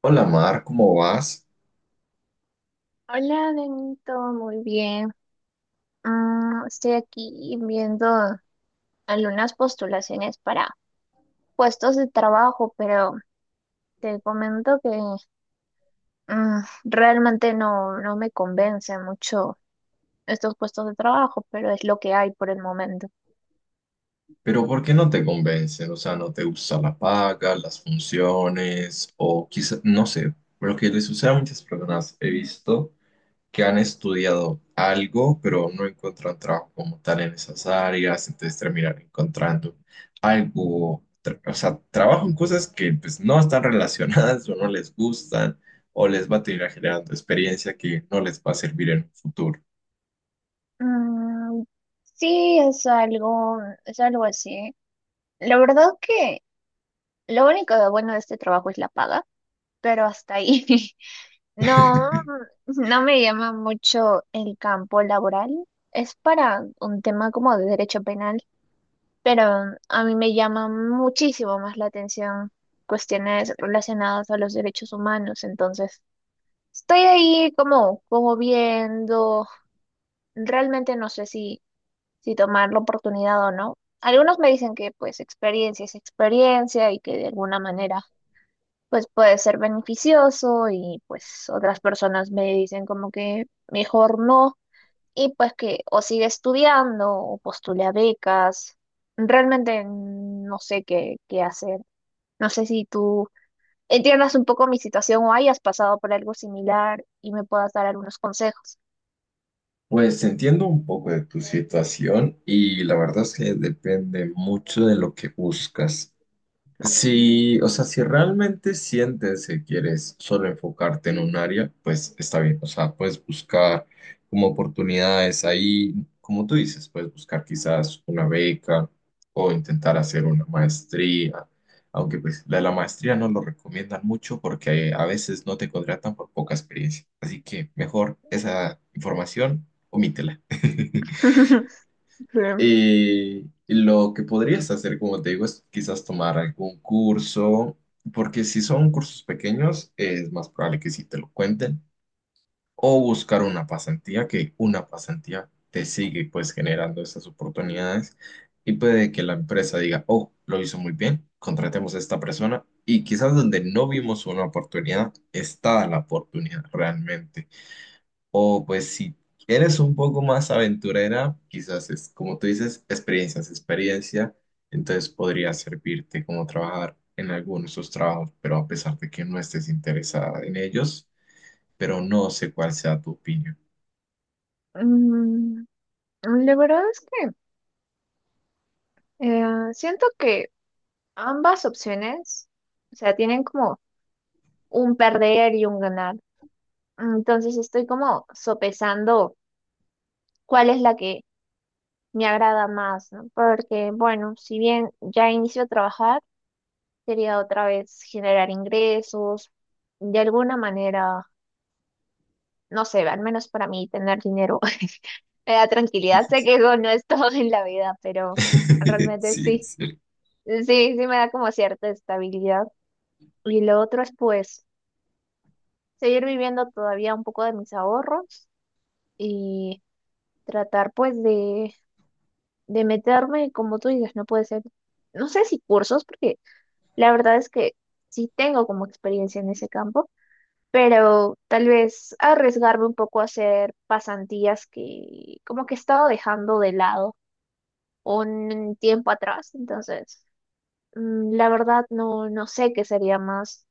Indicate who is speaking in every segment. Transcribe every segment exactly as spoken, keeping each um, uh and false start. Speaker 1: Hola Mar, ¿cómo vas?
Speaker 2: Hola, Benito, muy bien. Mm, estoy aquí viendo algunas postulaciones para puestos de trabajo, pero te comento que mm, realmente no, no me convence mucho estos puestos de trabajo, pero es lo que hay por el momento.
Speaker 1: Pero ¿por qué no te convencen? O sea, ¿no te gusta la paga, las funciones? O quizás, no sé, lo que les sucede a muchas personas he visto que han estudiado algo, pero no encuentran trabajo como tal en esas áreas, entonces terminan encontrando algo, tra- o sea, trabajo en cosas que pues no están relacionadas o no les gustan, o les va a terminar generando experiencia que no les va a servir en un futuro.
Speaker 2: Mm, sí, es algo, es algo así. La verdad que lo único de bueno de este trabajo es la paga, pero hasta ahí. No, no me llama mucho el campo laboral. Es para un tema como de derecho penal, pero a mí me llama muchísimo más la atención cuestiones relacionadas a los derechos humanos. Entonces, estoy ahí como, como viendo. Realmente no sé si, si tomar la oportunidad o no. Algunos me dicen que pues experiencia es experiencia y que de alguna manera pues puede ser beneficioso y pues otras personas me dicen como que mejor no y pues que o sigue estudiando o postula becas. Realmente no sé qué, qué hacer. No sé si tú entiendas un poco mi situación o hayas pasado por algo similar y me puedas dar algunos consejos.
Speaker 1: Pues entiendo un poco de tu situación y la verdad es que depende mucho de lo que buscas. Si, o sea, si realmente sientes que quieres solo enfocarte en un área, pues está bien. O sea, puedes buscar como oportunidades ahí, como tú dices, puedes buscar quizás una beca o intentar hacer una maestría, aunque pues la de la maestría no lo recomiendan mucho porque a veces no te contratan por poca experiencia. Así que mejor esa información, omítela.
Speaker 2: Sí.
Speaker 1: Eh, lo que podrías hacer, como te digo, es quizás tomar algún curso, porque si son cursos pequeños, es más probable que sí te lo cuenten, o buscar una pasantía, que una pasantía te sigue pues generando esas oportunidades y puede que la empresa diga, oh, lo hizo muy bien, contratemos a esta persona y quizás donde no vimos una oportunidad, está la oportunidad realmente. O pues si eres un poco más aventurera, quizás es, como tú dices, experiencias, experiencia, entonces podría servirte como trabajar en algunos de esos trabajos, pero a pesar de que no estés interesada en ellos, pero no sé cuál sea tu opinión.
Speaker 2: Mm, La verdad es que eh, siento que ambas opciones, o sea, tienen como un perder y un ganar. Entonces estoy como sopesando cuál es la que me agrada más, ¿no? Porque, bueno, si bien ya inicio a trabajar, quería otra vez generar ingresos, de alguna manera, no sé, al menos para mí tener dinero me da tranquilidad. Sé que eso no es todo en la vida, pero realmente
Speaker 1: Sí,
Speaker 2: sí,
Speaker 1: sí.
Speaker 2: sí, sí me da como cierta estabilidad. Y lo otro es pues seguir viviendo todavía un poco de mis ahorros y tratar pues de de meterme, como tú dices, no puede ser, no sé si cursos, porque la verdad es que sí tengo como experiencia en ese campo, pero tal vez arriesgarme un poco a hacer pasantías que como que he estado dejando de lado un tiempo atrás, entonces mm, la verdad no, no sé qué sería más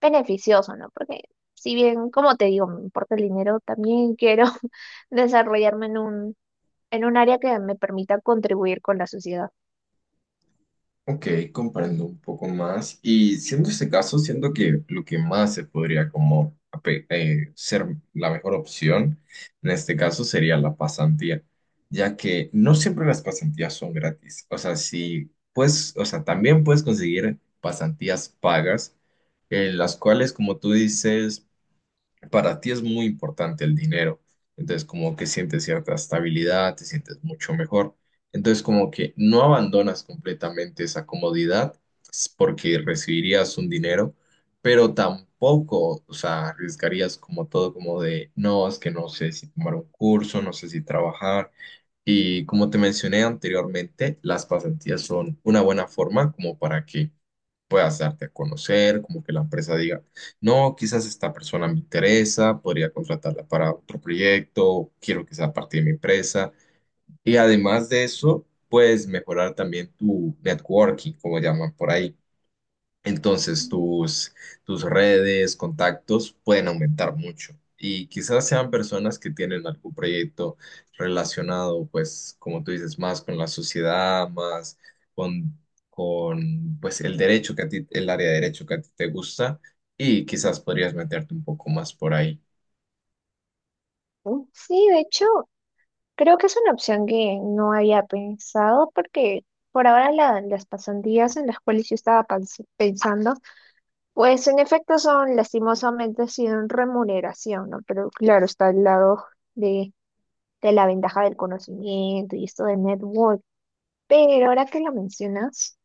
Speaker 2: beneficioso, ¿no? Porque si bien, como te digo, me importa el dinero, también quiero desarrollarme en un, en un área que me permita contribuir con la sociedad.
Speaker 1: Ok, comprendo un poco más. Y siendo este caso, siento que lo que más se podría como ape- eh, ser la mejor opción en este caso sería la pasantía, ya que no siempre las pasantías son gratis. O sea, si pues, o sea, también puedes conseguir pasantías pagas, en las cuales, como tú dices, para ti es muy importante el dinero. Entonces, como que sientes cierta estabilidad, te sientes mucho mejor. Entonces, como que no abandonas completamente esa comodidad s- porque recibirías un dinero, pero tampoco, o sea, arriesgarías como todo, como de, no, es que no sé si tomar un curso, no sé si trabajar y como te mencioné anteriormente, las pasantías son una buena forma como para que puedas darte a conocer, como que la empresa diga, no, quizás esta persona me interesa, podría contratarla para otro proyecto, quiero que sea parte de mi empresa. Y además de eso, puedes mejorar también tu networking, como llaman por ahí, entonces tus, tus redes, contactos pueden aumentar mucho y quizás sean personas que tienen algún proyecto relacionado, pues, como tú dices, más con la sociedad, más con, con pues, el derecho que a ti, el área de derecho que a ti te gusta y quizás podrías meterte un poco más por ahí.
Speaker 2: ¿No? Sí, de hecho, creo que es una opción que no había pensado porque por ahora la- las pasantías en las cuales yo estaba pans- pensando, pues en efecto son lastimosamente sin remuneración, ¿no? Pero claro, está al lado de, de la ventaja del conocimiento y esto de network. Pero ahora que lo mencionas,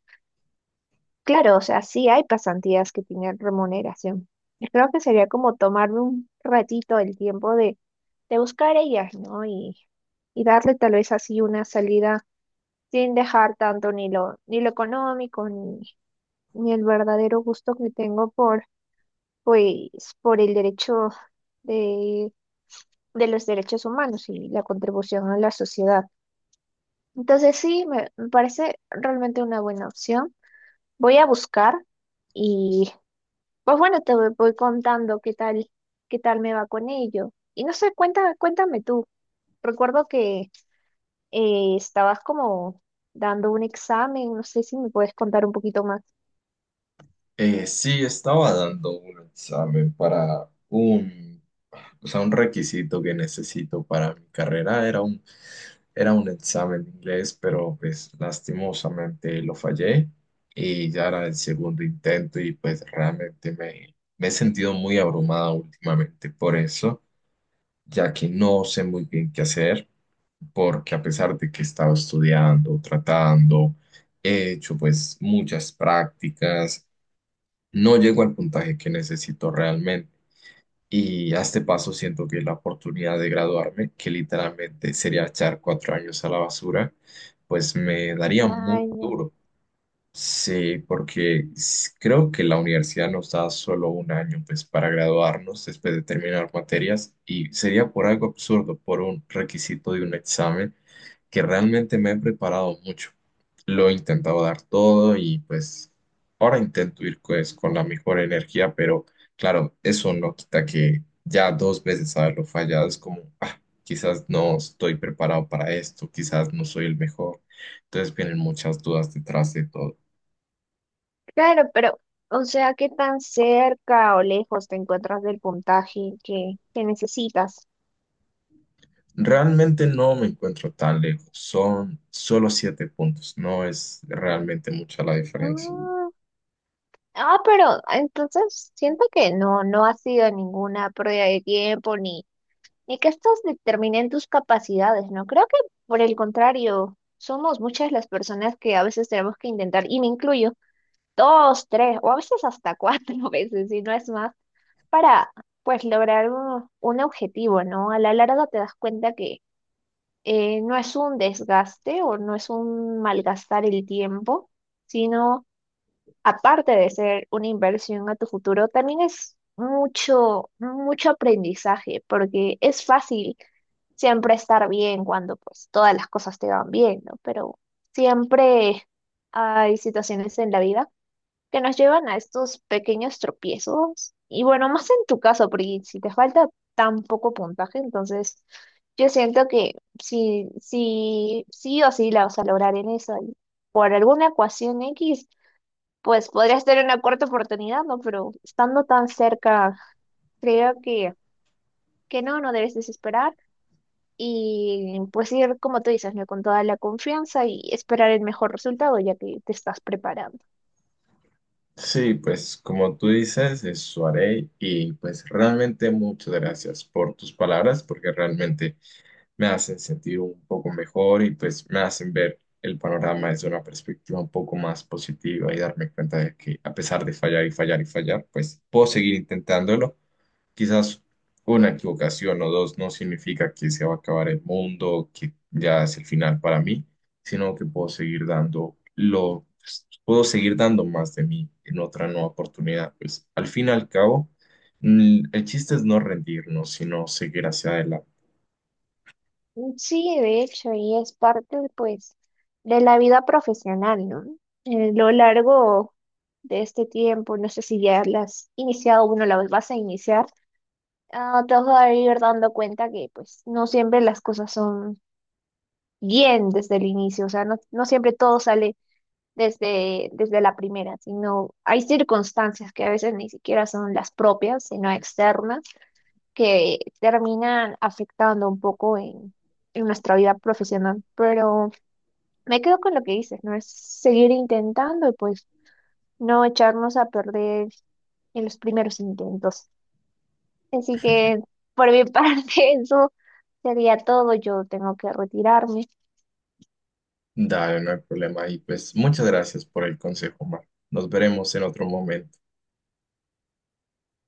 Speaker 2: claro, o sea, sí hay pasantías que tienen remuneración. Yo creo que sería como tomarme un ratito el tiempo de, de buscar ellas, ¿no? Y, y darle tal vez así una salida sin dejar tanto ni lo, ni lo económico, ni, ni el verdadero gusto que tengo por, pues, por el derecho de, de los derechos humanos y la contribución a la sociedad. Entonces sí, me, me parece realmente una buena opción. Voy a buscar. Pues bueno, te voy, voy contando qué tal, qué tal me va con ello. Y no sé, cuenta, cuéntame tú. Recuerdo que eh, estabas como dando un examen, no sé si me puedes contar un poquito más.
Speaker 1: Eh, sí, estaba dando un examen para un, o sea, un requisito que necesito para mi carrera. Era un, era un examen de inglés, pero pues lastimosamente lo fallé y ya era el segundo intento y pues realmente me, me he sentido muy abrumada últimamente por eso, ya que no sé muy bien qué hacer, porque a pesar de que he estado estudiando, tratando, he hecho pues muchas prácticas, no llego al puntaje que necesito realmente. Y a este paso siento que la oportunidad de graduarme, que literalmente sería echar cuatro años a la basura, pues me daría muy
Speaker 2: Vaya.
Speaker 1: duro. Sí, porque s- creo que la universidad nos da solo un año pues para graduarnos después de terminar materias y sería por algo absurdo, por un requisito de un examen que realmente me he preparado mucho. Lo he intentado dar todo y pues ahora intento ir pues con la mejor energía, pero claro, eso no quita que ya dos veces haberlo fallado es como, ah, quizás no estoy preparado para esto, quizás no soy el mejor. Entonces vienen muchas dudas detrás de todo.
Speaker 2: Claro, pero, o sea, ¿qué tan cerca o lejos te encuentras del puntaje que, que necesitas?
Speaker 1: Realmente no me encuentro tan lejos, son solo siete puntos, no es realmente mucha la diferencia.
Speaker 2: Ah, ah, pero entonces siento que no, no ha sido ninguna pérdida de tiempo ni ni que estas determinen tus capacidades, ¿no? Creo que por el contrario, somos muchas las personas que a veces tenemos que intentar, y me incluyo, dos, tres, o a veces hasta cuatro veces, si no es más, para pues lograr un, un objetivo, ¿no? A la larga te das cuenta que eh, no es un desgaste o no es un malgastar el tiempo, sino aparte de ser una inversión a tu futuro, también es mucho, mucho aprendizaje, porque es fácil siempre estar bien cuando pues todas las cosas te van bien, ¿no? Pero siempre hay situaciones en la vida que nos llevan a estos pequeños tropiezos. Y bueno, más en tu caso, porque si te falta tan poco puntaje, entonces yo siento que sí, sí, sí o sí la vas a lograr en eso. Y por alguna ecuación equis pues podría ser una cuarta oportunidad, ¿no? Pero estando tan cerca, creo que, que no, no debes desesperar y pues ir, como tú dices, ¿no? Con toda la confianza y esperar el mejor resultado ya que te estás preparando.
Speaker 1: Sí, pues como tú dices, eso haré y pues realmente muchas gracias por tus palabras porque realmente me hacen sentir un poco mejor y pues me hacen ver el panorama desde una perspectiva un poco más positiva y darme cuenta de que a pesar de fallar y fallar y fallar, pues puedo seguir intentándolo. Quizás una equivocación o dos no significa que se va a acabar el mundo, que ya es el final para mí, sino que puedo seguir dando lo, puedo seguir dando más de mí en otra nueva oportunidad. Pues al fin y al cabo, mm, el chiste es no rendirnos, sino seguir hacia adelante.
Speaker 2: Sí, de hecho, y es parte, pues, de la vida profesional, ¿no? Eh, lo largo de este tiempo, no sé si ya las has iniciado o no las vas a iniciar, ah, te vas a ir dando cuenta que, pues, no siempre las cosas son bien desde el inicio, o sea, no, no siempre todo sale desde, desde la primera, sino hay circunstancias que a veces ni siquiera son las propias, sino externas, que terminan afectando un poco en, en nuestra vida profesional. Pero me quedo con lo que dices, ¿no? Es seguir intentando y pues no echarnos a perder en los primeros intentos. Así que por mi parte eso sería todo, yo tengo que retirarme.
Speaker 1: Dale, no hay problema. Y pues muchas gracias por el consejo, Mar. Nos veremos en otro momento.